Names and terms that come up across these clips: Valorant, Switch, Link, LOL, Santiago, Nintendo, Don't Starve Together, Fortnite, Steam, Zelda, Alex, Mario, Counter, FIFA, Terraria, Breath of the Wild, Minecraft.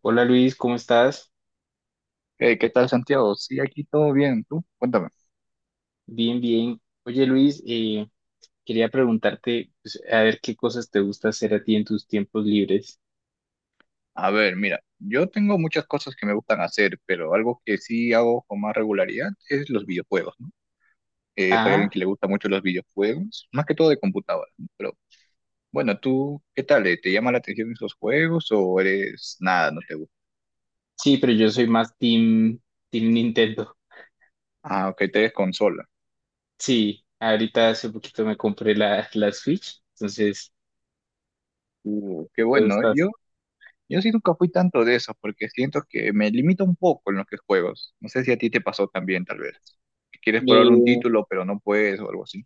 Hola Luis, ¿cómo estás? ¿Qué tal, Santiago? Sí, aquí todo bien. ¿Tú? Cuéntame. Bien, bien. Oye Luis, quería preguntarte, pues, a ver qué cosas te gusta hacer a ti en tus tiempos libres. A ver, mira, yo tengo muchas cosas que me gustan hacer, pero algo que sí hago con más regularidad es los videojuegos, ¿no? Soy alguien Ah, que le gusta mucho los videojuegos, más que todo de computadora, ¿no? Pero bueno, ¿tú qué tal? ¿Te llama la atención esos juegos o eres nada, no te gusta? sí, pero yo soy más team, team Nintendo. Ah, ok, te eres consola. Sí, ahorita hace poquito me compré la Switch, entonces, Qué ¿qué te bueno, ¿eh? gusta Yo sí nunca fui tanto de eso, porque siento que me limita un poco en los que juegos. No sé si a ti te pasó también, tal vez. Que Quieres probar un Eh, título, pero no puedes o algo así.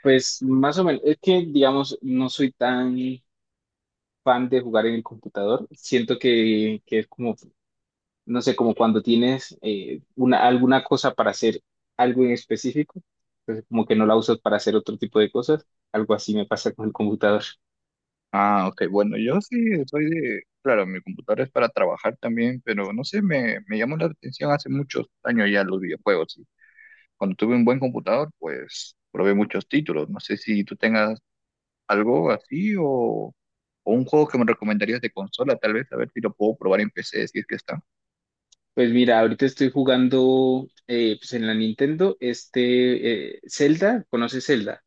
pues más o menos, es que digamos, no soy tan fan de jugar en el computador. Siento que es como no sé, como cuando tienes una, alguna cosa para hacer algo en específico, entonces como que no la usas para hacer otro tipo de cosas, algo así me pasa con el computador. Ah, ok. Bueno, yo sí soy de, claro, mi computadora es para trabajar también, pero no sé, me llamó la atención hace muchos años ya los videojuegos. Y cuando tuve un buen computador, pues probé muchos títulos. No sé si tú tengas algo así o un juego que me recomendarías de consola, tal vez, a ver si lo puedo probar en PC, si es que está. Pues mira, ahorita estoy jugando pues en la Nintendo, este Zelda, ¿conoces Zelda?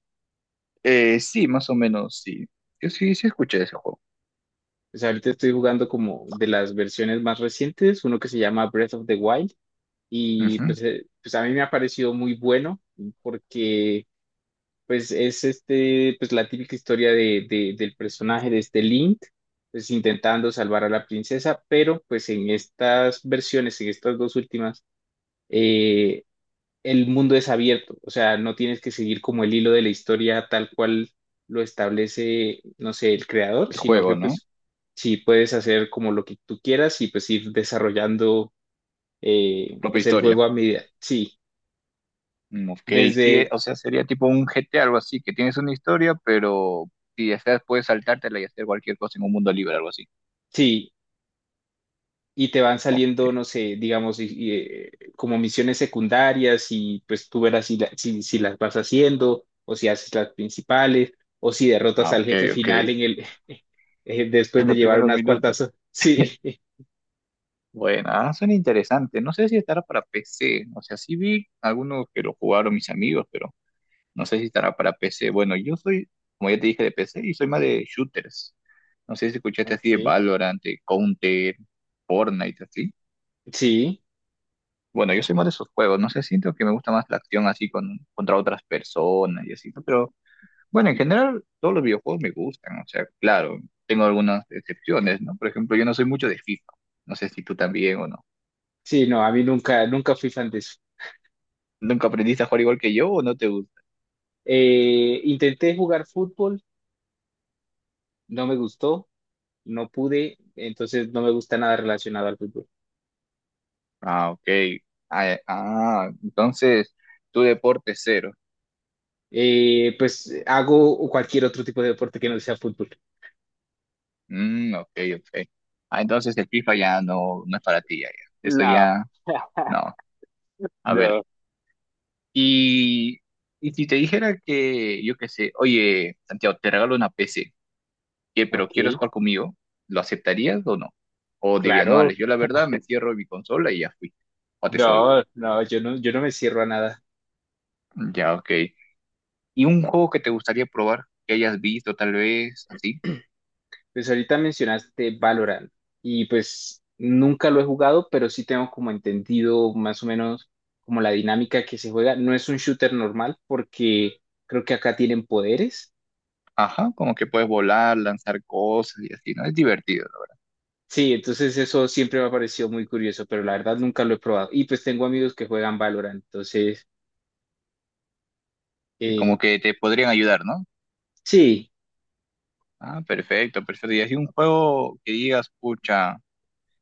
Sí, más o menos, sí. Yo sí, sí escuché ese juego. Pues ahorita estoy jugando como de las versiones más recientes, uno que se llama Breath of the Wild, y Ujú. pues, pues a mí me ha parecido muy bueno porque pues es este, pues la típica historia de, del personaje de este Link, pues intentando salvar a la princesa, pero pues en estas versiones, en estas dos últimas, eh, el mundo es abierto, o sea, no tienes que seguir como el hilo de la historia tal cual lo establece, no sé, el creador, El sino juego, que ¿no? pues sí puedes hacer como lo que tú quieras y pues ir desarrollando Tu propia pues el historia. juego a medida, sí, Mm, ok, sí, desde... o sea, sería tipo un GTA, algo así, que tienes una historia, pero si deseas puedes saltártela y hacer cualquier cosa en un mundo libre, algo así. Sí, y te van Ok, saliendo, no sé, digamos, y como misiones secundarias y pues tú verás si, si las vas haciendo o si haces las principales o si derrotas ah, al ok, jefe ok. final en el después En de los llevar primeros unas minutos. cuantas. Sí, Bueno, ah, suena interesante. No sé si estará para PC. O sea, sí vi algunos que lo jugaron mis amigos, pero no sé si estará para PC. Bueno, yo soy, como ya te dije, de PC y soy más de shooters. No sé si escuchaste así de Ok. Valorant, de Counter, Fortnite, así. Sí, Bueno, yo soy más de esos juegos, no sé, siento que me gusta más la acción así con, contra otras personas y así, ¿no? Pero bueno, en general todos los videojuegos me gustan, o sea, claro, tengo algunas excepciones, ¿no? Por ejemplo, yo no soy mucho de FIFA, no sé si tú también o no. sí, no, a mí nunca, nunca fui fan de eso. ¿Nunca aprendiste a jugar igual que yo o no te gusta? Intenté jugar fútbol, no me gustó, no pude, entonces no me gusta nada relacionado al fútbol. Ah, ok. Entonces tu deporte es cero. Pues hago cualquier otro tipo de deporte que no sea fútbol. Mm, ok, ok. Ah, entonces el FIFA ya no, no es para ti, ya, ya. Eso Nada. ya, no. A ver. No, Y, y si te dijera que, yo qué sé, oye, Santiago, te regalo una PC, ¿qué, pero ok, quieres jugar conmigo? ¿Lo aceptarías o no? O diría, no, claro. Alex, yo la verdad me cierro en mi consola y ya fui. Jugate solo. No, no, yo no me cierro a nada. Ya, ok. ¿Y un juego que te gustaría probar, que hayas visto tal vez, así? Pues ahorita mencionaste Valorant y pues nunca lo he jugado, pero sí tengo como entendido más o menos como la dinámica que se juega. No es un shooter normal porque creo que acá tienen poderes. Ajá, como que puedes volar, lanzar cosas y así, ¿no? Es divertido, ¿no? Sí, entonces eso siempre me ha parecido muy curioso, pero la verdad nunca lo he probado. Y pues tengo amigos que juegan Valorant, entonces Y como eh, que te podrían ayudar, ¿no? sí. Ah, perfecto, perfecto. Y así un juego que digas, pucha.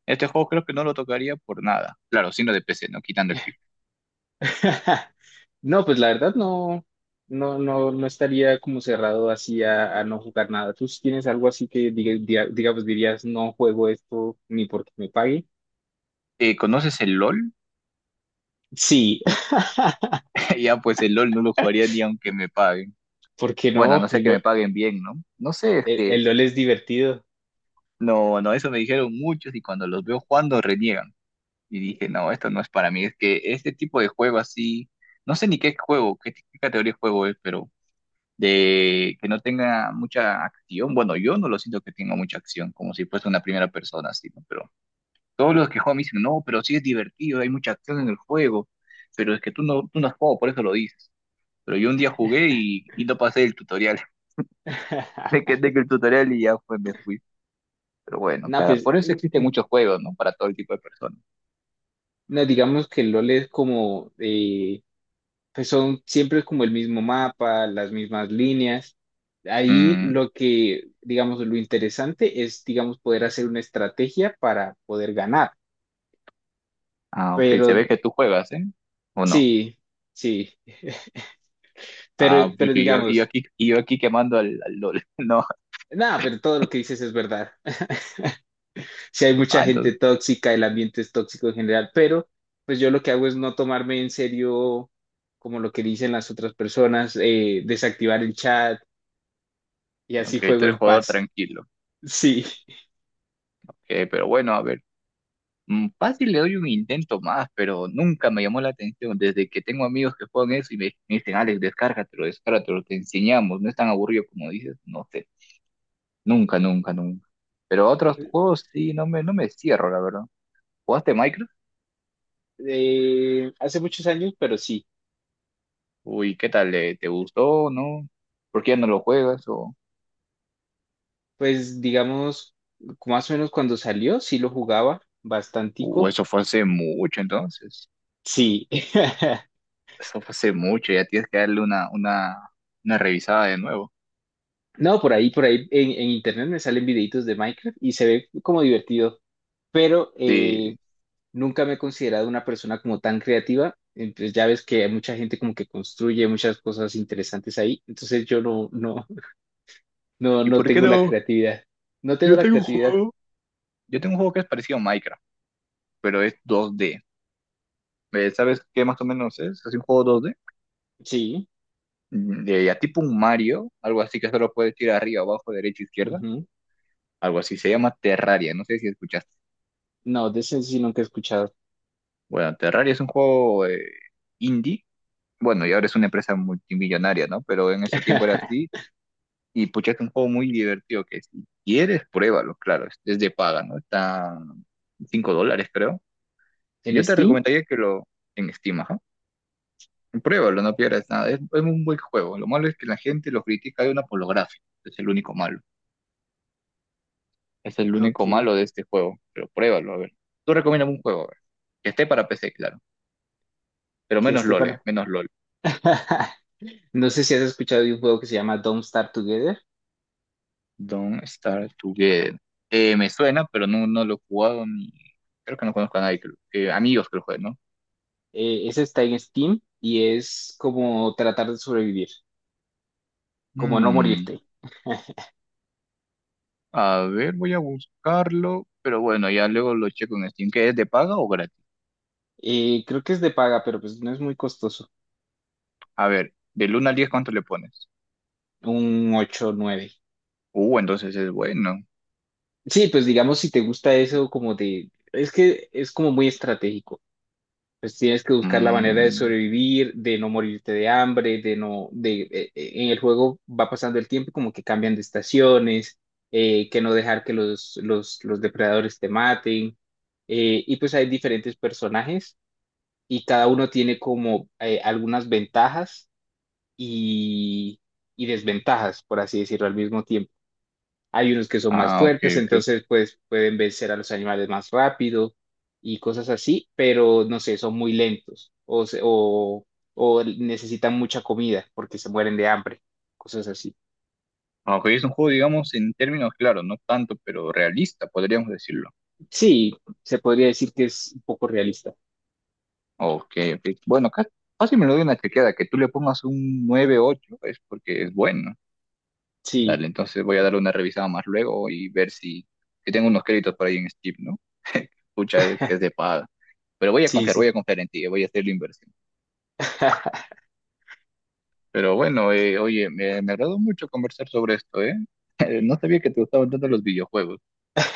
Este juego creo que no lo tocaría por nada. Claro, sino de PC, ¿no? Quitando el FIFA. No, pues la verdad no, no estaría como cerrado así a no jugar nada. ¿Tú sí tienes algo así que digamos dirías no juego esto ni porque me pague? ¿Conoces el LOL? Sí. Ya, pues el LOL no lo jugaría ni aunque me paguen. Porque Bueno, a no, no sé el que me LOL, paguen bien, ¿no? No sé, es el que LOL es divertido. no, no, eso me dijeron muchos y cuando los veo jugando reniegan. Y dije, no, esto no es para mí. Es que este tipo de juego así, no sé ni qué juego, qué categoría de juego es, pero de que no tenga mucha acción. Bueno, yo no lo siento que tenga mucha acción, como si fuese una primera persona, así, ¿no? Pero todos los que juegan me dicen, no, pero sí es divertido, hay mucha acción en el juego, pero es que tú no has jugado, por eso lo dices. Pero yo un día jugué y no pasé el tutorial. Me quedé con el tutorial y ya fue, me fui. Pero bueno, No, cada, pues por eso existen muchos juegos, ¿no? Para todo el tipo de personas. no, digamos que el LOL es como, pues son siempre como el mismo mapa, las mismas líneas. Ahí Mm, lo que, digamos, lo interesante es, digamos, poder hacer una estrategia para poder ganar. ah, ok, se Pero ve que tú juegas, ¿eh? ¿O no? sí, sí, pero, Ah, pero pucha, digamos, y yo aquí quemando al LOL. No, nada, pero todo lo que dices es verdad. Si hay mucha ah, gente entonces, tóxica, el ambiente es tóxico en general, pero pues yo lo que hago es no tomarme en serio como lo que dicen las otras personas, desactivar el chat y así ok, tú juego eres en jugador paz. tranquilo. Sí, Ok, pero bueno, a ver. Mm, fácil le doy un intento más, pero nunca me llamó la atención. Desde que tengo amigos que juegan eso y me dicen, Alex, descárgatelo, descárgatelo, te enseñamos, no es tan aburrido como dices, no sé, nunca, nunca, nunca. Pero otros juegos sí, no me cierro, la verdad. ¿Jugaste Minecraft? Hace muchos años, pero sí, Uy, ¿qué tal, eh? ¿Te gustó o no? ¿Por qué ya no lo juegas? Pues digamos, más o menos cuando salió, sí lo jugaba O bastantico. eso fue hace mucho entonces? Sí. Eso fue hace mucho, ya tienes que darle una revisada de nuevo. No, por ahí en internet me salen videitos de Minecraft y se ve como divertido, pero Sí. nunca me he considerado una persona como tan creativa. Entonces ya ves que hay mucha gente como que construye muchas cosas interesantes ahí. Entonces yo no, no, no, ¿Y no por qué tengo la no? creatividad. No tengo Yo la tengo un creatividad. juego. Yo tengo un juego que es parecido a Minecraft pero es 2D. ¿Sabes qué más o menos es? Es un juego 2D, Sí. De ya tipo un Mario, algo así que solo puedes ir arriba, abajo, derecha, izquierda, Ujú. algo así. Se llama Terraria, no sé si escuchaste. No, de ese sí nunca he escuchado. Bueno, Terraria es un juego indie, bueno, y ahora es una empresa multimillonaria, ¿no? Pero en ese tiempo era así, y pucha, es un juego muy divertido que si quieres, pruébalo, claro, es de paga, ¿no? Está $5, creo. ¿En Yo te Steam? recomendaría que lo en Steam, ajá. Pruébalo, no pierdas nada. Es un buen juego. Lo malo es que la gente lo critica de una por lo gráfico. Es el único malo. Es el único Ok. malo de este juego. Pero pruébalo, a ver. Tú recomiendas un juego, a ver. Que esté para PC, claro. Pero Que menos este LOL, para. menos LOL. No sé si has escuchado de un juego que se llama Don't Starve Together. Don't Starve Together. Me suena, pero no, no lo he jugado ni… Creo que no conozco a nadie, amigos que lo jueguen, ¿no? Ese está en Steam y es como tratar de sobrevivir, como no Mm, morirte. a ver, voy a buscarlo. Pero bueno, ya luego lo checo en Steam. ¿Qué es de paga o gratis? Creo que es de paga, pero pues no es muy costoso. A ver, del 1 al 10, ¿cuánto le pones? Un 8 o 9. Entonces es bueno. Sí, pues digamos si te gusta eso como de... Es que es como muy estratégico. Pues tienes que buscar la manera de Mm, sobrevivir, de no morirte de hambre, de no... De, en el juego va pasando el tiempo y como que cambian de estaciones, que no dejar que los depredadores te maten. Y pues hay diferentes personajes y cada uno tiene como algunas ventajas y, y desventajas, por así decirlo, al mismo tiempo. Hay unos que son más ah, ok, fuertes, ok. entonces pues pueden vencer a los animales más rápido y cosas así, pero no sé, son muy lentos o, o necesitan mucha comida porque se mueren de hambre, cosas así. Ok, es un juego, digamos, en términos claros, no tanto, pero realista, podríamos decirlo. Sí, se podría decir que es un poco realista. Ok, ok. Bueno, casi me lo doy una chequeada, que tú le pongas un 9-8 es porque es bueno. Sí, Dale, entonces voy a dar una revisada más luego y ver si, si tengo unos créditos por ahí en Steam, ¿no? Pucha, es que es de paga. Pero sí, voy a sí. confiar en ti, voy a hacer la inversión. Pero bueno, oye, me agradó mucho conversar sobre esto, ¿eh? No sabía que te gustaban tanto los videojuegos,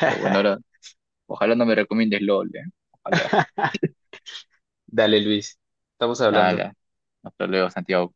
pero bueno, ahora ojalá no me recomiendes LOL, ¿eh? Ojalá. Dale, Luis, estamos hablando. Ala. Hasta luego, Santiago.